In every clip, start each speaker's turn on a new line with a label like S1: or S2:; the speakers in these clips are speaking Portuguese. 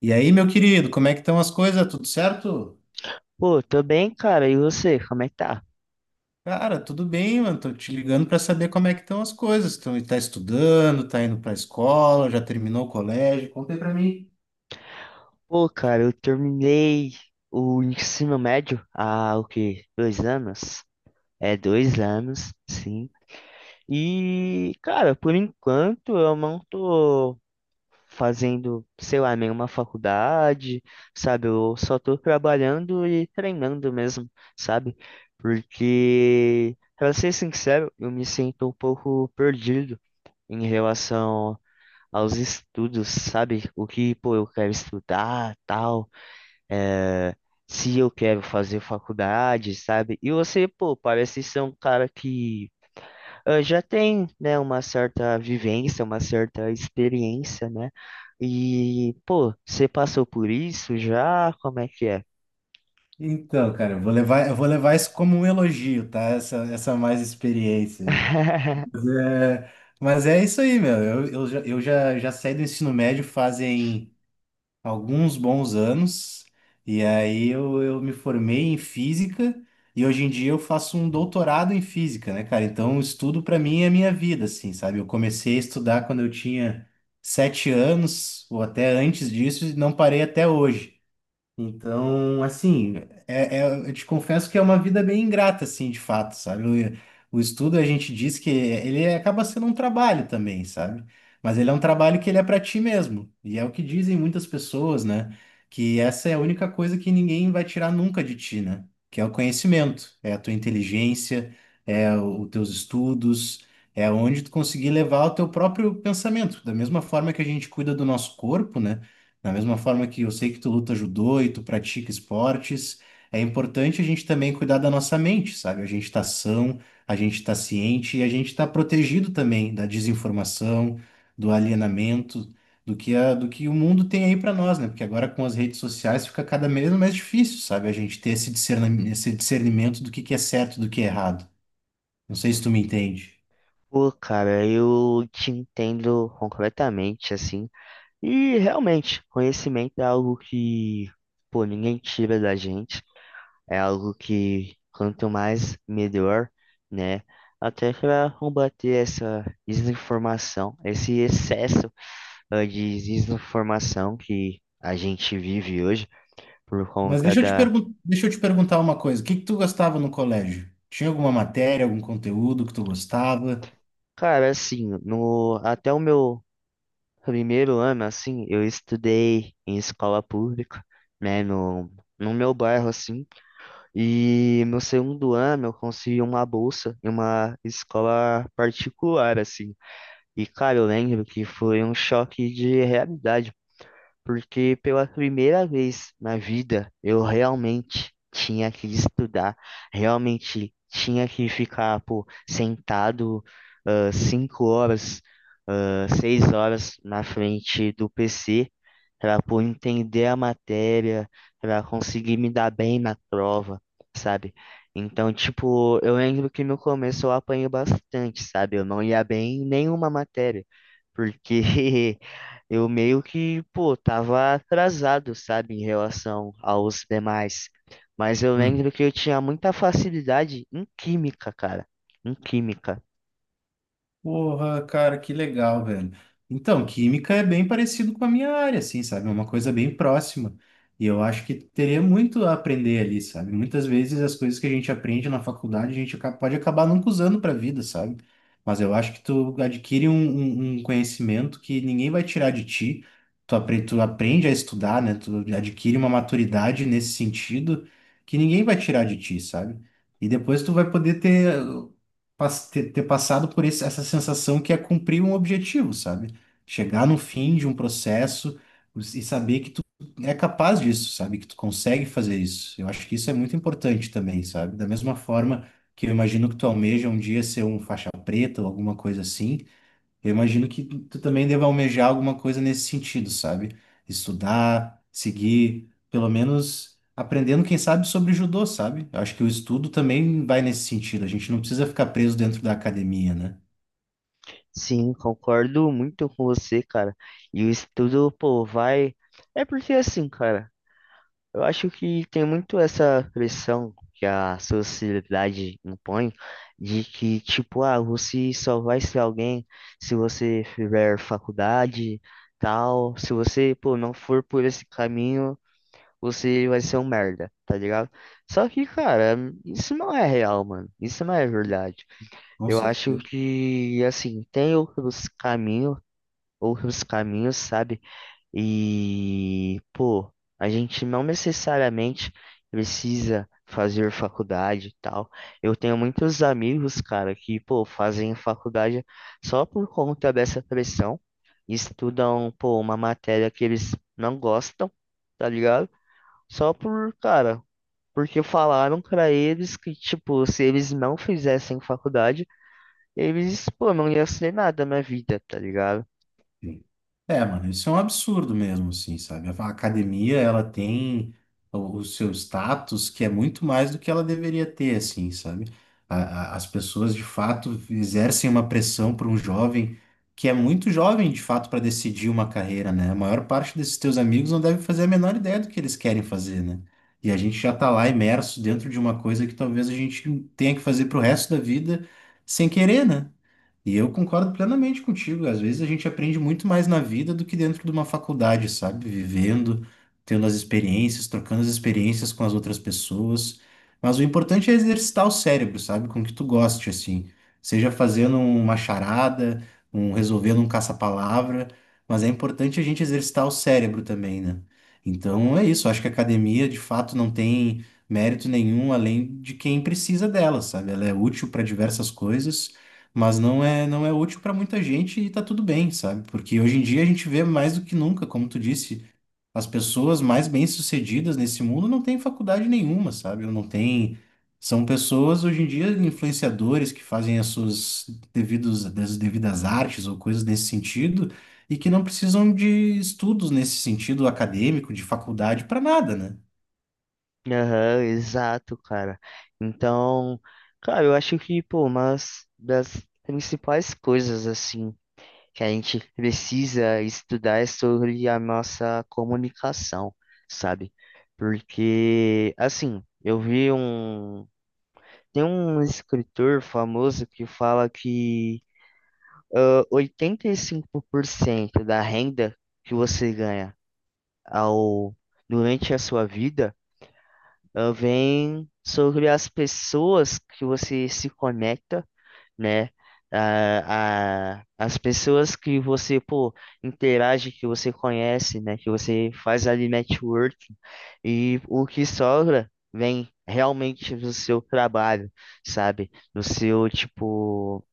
S1: E aí, meu querido, como é que estão as coisas? Tudo certo?
S2: Pô, tô bem, cara. E você, como é que tá?
S1: Cara, tudo bem, mano. Tô te ligando para saber como é que estão as coisas. Então, tá estudando, tá indo pra escola, já terminou o colégio. Como-
S2: Pô, cara, eu terminei o ensino médio há o quê? 2 anos? É, 2 anos, sim. E, cara, por enquanto eu não tô fazendo, sei lá, nenhuma faculdade, sabe? Eu só tô trabalhando e treinando mesmo, sabe? Porque, pra ser sincero, eu me sinto um pouco perdido em relação aos estudos, sabe? O que, pô, eu quero estudar, tal, é se eu quero fazer faculdade, sabe? E você, pô, parece ser um cara que já tem, né, uma certa vivência, uma certa experiência, né? E, pô, você passou por isso já? Como é que é?
S1: Então, cara, eu vou levar isso como um elogio, tá? Essa mais experiência aí. Mas é, mas é isso aí, meu. Já saí do ensino médio fazem alguns bons anos, e aí eu me formei em física e hoje em dia eu faço um doutorado em física, né, cara? Então, o estudo para mim é a minha vida, assim, sabe? Eu comecei a estudar quando eu tinha 7 anos ou até antes disso e não parei até hoje. Então, assim, eu te confesso que é uma vida bem ingrata, assim, de fato, sabe? O estudo, a gente diz que ele acaba sendo um trabalho também, sabe? Mas ele é um trabalho que ele é para ti mesmo. E é o que dizem muitas pessoas, né? Que essa é a única coisa que ninguém vai tirar nunca de ti, né? Que é o conhecimento, é a tua inteligência, os teus estudos, é onde tu conseguir levar o teu próprio pensamento. Da mesma forma que a gente cuida do nosso corpo, né? Da mesma forma que eu sei que tu luta judô e tu pratica esportes, é importante a gente também cuidar da nossa mente, sabe? A gente está são, a gente está ciente e a gente está protegido também da desinformação, do alienamento, do que o mundo tem aí para nós, né? Porque agora com as redes sociais fica cada vez mais difícil, sabe? A gente ter esse discernimento do que é certo e do que é errado. Não sei se tu me entende.
S2: Pô, cara, eu te entendo completamente, assim. E realmente, conhecimento é algo que, pô, ninguém tira da gente. É algo que quanto mais melhor, né? Até para combater essa desinformação, esse excesso de desinformação que a gente vive hoje por
S1: Mas
S2: conta da.
S1: deixa eu te perguntar uma coisa. O que que tu gostava no colégio? Tinha alguma matéria, algum conteúdo que tu gostava?
S2: Cara, assim, no até o meu primeiro ano, assim, eu estudei em escola pública, né? No, no meu bairro, assim. E no segundo ano eu consegui uma bolsa em uma escola particular, assim. E, cara, eu lembro que foi um choque de realidade, porque pela primeira vez na vida eu realmente tinha que estudar, realmente tinha que ficar, pô, sentado 5 horas, 6 horas na frente do PC para, pô, entender a matéria, para conseguir me dar bem na prova, sabe? Então, tipo, eu lembro que no começo eu apanhei bastante, sabe? Eu não ia bem em nenhuma matéria, porque eu meio que, pô, tava atrasado, sabe, em relação aos demais. Mas eu lembro que eu tinha muita facilidade em química, cara. Em química.
S1: Porra, cara, que legal, velho. Então, química é bem parecido com a minha área, assim, sabe? É uma coisa bem próxima. E eu acho que teria muito a aprender ali, sabe? Muitas vezes as coisas que a gente aprende na faculdade, a gente pode acabar nunca usando pra vida, sabe? Mas eu acho que tu adquire um conhecimento que ninguém vai tirar de ti. Tu aprende a estudar, né? Tu adquire uma maturidade nesse sentido que ninguém vai tirar de ti, sabe? E depois tu vai poder ter passado por essa sensação que é cumprir um objetivo, sabe? Chegar no fim de um processo e saber que tu é capaz disso, sabe? Que tu consegue fazer isso. Eu acho que isso é muito importante também, sabe? Da mesma forma que eu imagino que tu almeja um dia ser um faixa preta ou alguma coisa assim, eu imagino que tu também deva almejar alguma coisa nesse sentido, sabe? Estudar, seguir, pelo menos aprendendo, quem sabe, sobre judô, sabe? Eu acho que o estudo também vai nesse sentido. A gente não precisa ficar preso dentro da academia, né?
S2: Sim, concordo muito com você, cara. E o estudo, pô, vai. É porque assim, cara. Eu acho que tem muito essa pressão que a sociedade impõe de que, tipo, você só vai ser alguém se você fizer faculdade, tal. Se você, pô, não for por esse caminho, você vai ser um merda, tá ligado? Só que, cara, isso não é real, mano. Isso não é verdade.
S1: Com
S2: Eu acho
S1: certeza.
S2: que, assim, tem outros caminhos, sabe? E, pô, a gente não necessariamente precisa fazer faculdade e tal. Eu tenho muitos amigos, cara, que, pô, fazem faculdade só por conta dessa pressão. Estudam, pô, uma matéria que eles não gostam, tá ligado? Só por, cara, porque falaram pra eles que, tipo, se eles não fizessem faculdade, eles, pô, não iam ser nada na vida, tá ligado?
S1: Sim. É, mano, isso é um absurdo mesmo, assim, sabe? A academia, ela tem o seu status que é muito mais do que ela deveria ter, assim, sabe? A- as pessoas, de fato, exercem uma pressão para um jovem que é muito jovem, de fato, para decidir uma carreira, né? A maior parte desses teus amigos não deve fazer a menor ideia do que eles querem fazer, né? E a gente já tá lá imerso dentro de uma coisa que talvez a gente tenha que fazer pro resto da vida sem querer, né? E eu concordo plenamente contigo. Às vezes a gente aprende muito mais na vida do que dentro de uma faculdade, sabe? Vivendo, tendo as experiências, trocando as experiências com as outras pessoas. Mas o importante é exercitar o cérebro, sabe? Com o que tu goste, assim. Seja fazendo uma charada, um resolvendo um caça-palavra, mas é importante a gente exercitar o cérebro também, né? Então é isso. Acho que a academia, de fato, não tem mérito nenhum além de quem precisa dela, sabe? Ela é útil para diversas coisas mas não é útil para muita gente e tá tudo bem, sabe? Porque hoje em dia a gente vê mais do que nunca, como tu disse, as pessoas mais bem-sucedidas nesse mundo não têm faculdade nenhuma, sabe? Ou não têm são pessoas hoje em dia influenciadores que fazem as suas devidos as devidas artes ou coisas nesse sentido e que não precisam de estudos nesse sentido acadêmico, de faculdade para nada, né?
S2: Aham, exato, cara. Então, cara, eu acho que, pô, uma das principais coisas, assim, que a gente precisa estudar é sobre a nossa comunicação, sabe? Porque, assim, eu vi um. Tem um escritor famoso que fala que 85% da renda que você ganha ao, durante a sua vida, vem sobre as pessoas que você se conecta, né? As pessoas que você, pô, interage, que você conhece, né? Que você faz ali networking. E o que sobra vem realmente do seu trabalho, sabe? Do seu, tipo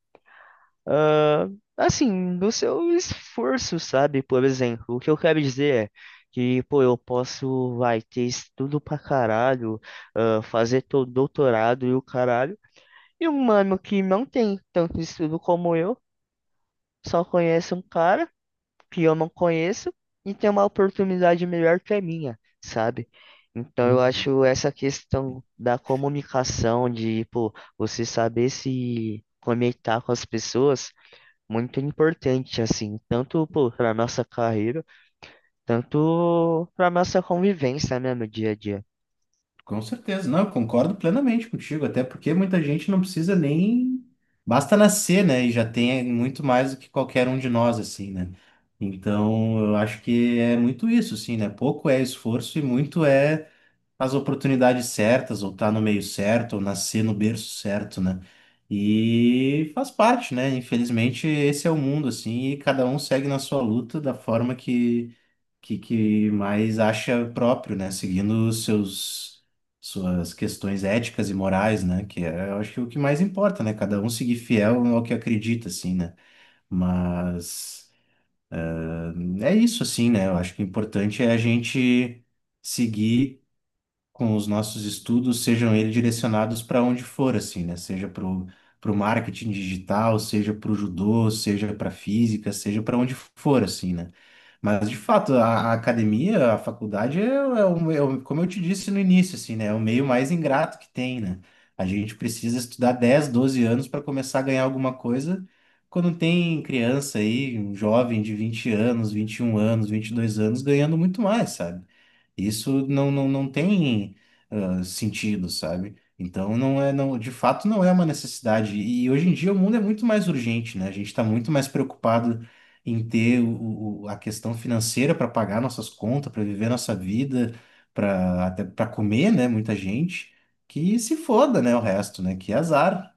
S2: ah, assim, do seu esforço, sabe? Por exemplo, o que eu quero dizer é que, pô, eu posso, vai, ter estudo pra caralho, fazer todo doutorado e o caralho, e um mano que não tem tanto estudo como eu, só conhece um cara que eu não conheço e tem uma oportunidade melhor que a minha, sabe? Então eu acho essa questão da comunicação, de, pô, você saber se conectar com as pessoas muito importante, assim, tanto para nossa carreira, tanto para nossa convivência, né, no dia a dia.
S1: Com certeza, não, eu concordo plenamente contigo, até porque muita gente não precisa nem. Basta nascer, né? E já tem muito mais do que qualquer um de nós, assim, né? Então, eu acho que é muito isso, assim, né? Pouco é esforço e muito é as oportunidades certas, ou estar tá no meio certo, ou nascer no berço certo, né? E faz parte, né? Infelizmente, esse é o mundo, assim, e cada um segue na sua luta da forma que mais acha próprio, né? Seguindo os seus suas questões éticas e morais, né? Que é, eu acho que é o que mais importa, né? Cada um seguir fiel ao que acredita, assim, né? Mas é isso, assim, né? Eu acho que o importante é a gente seguir com os nossos estudos, sejam eles direcionados para onde for, assim, né? Seja para o marketing digital, seja para o judô, seja para física, seja para onde for, assim, né? Mas, de fato, a academia, a faculdade, como eu te disse no início, assim, né? É o meio mais ingrato que tem, né? A gente precisa estudar 10 12 anos para começar a ganhar alguma coisa. Quando tem criança aí, um jovem de 20 anos, 21 anos, 22 anos, ganhando muito mais, sabe? Isso não tem sentido, sabe? Então de fato não é uma necessidade. E hoje em dia o mundo é muito mais urgente, né? A gente está muito mais preocupado em ter a questão financeira para pagar nossas contas, para viver nossa vida, para comer, né? Muita gente que se foda, né? O resto, né? Que azar.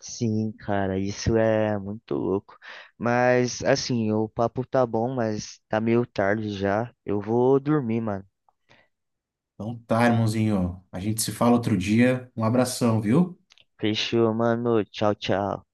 S2: Sim, cara, isso é muito louco. Mas, assim, o papo tá bom, mas tá meio tarde já. Eu vou dormir, mano.
S1: Então tá, irmãozinho. A gente se fala outro dia. Um abração, viu?
S2: Fechou, mano. Tchau, tchau.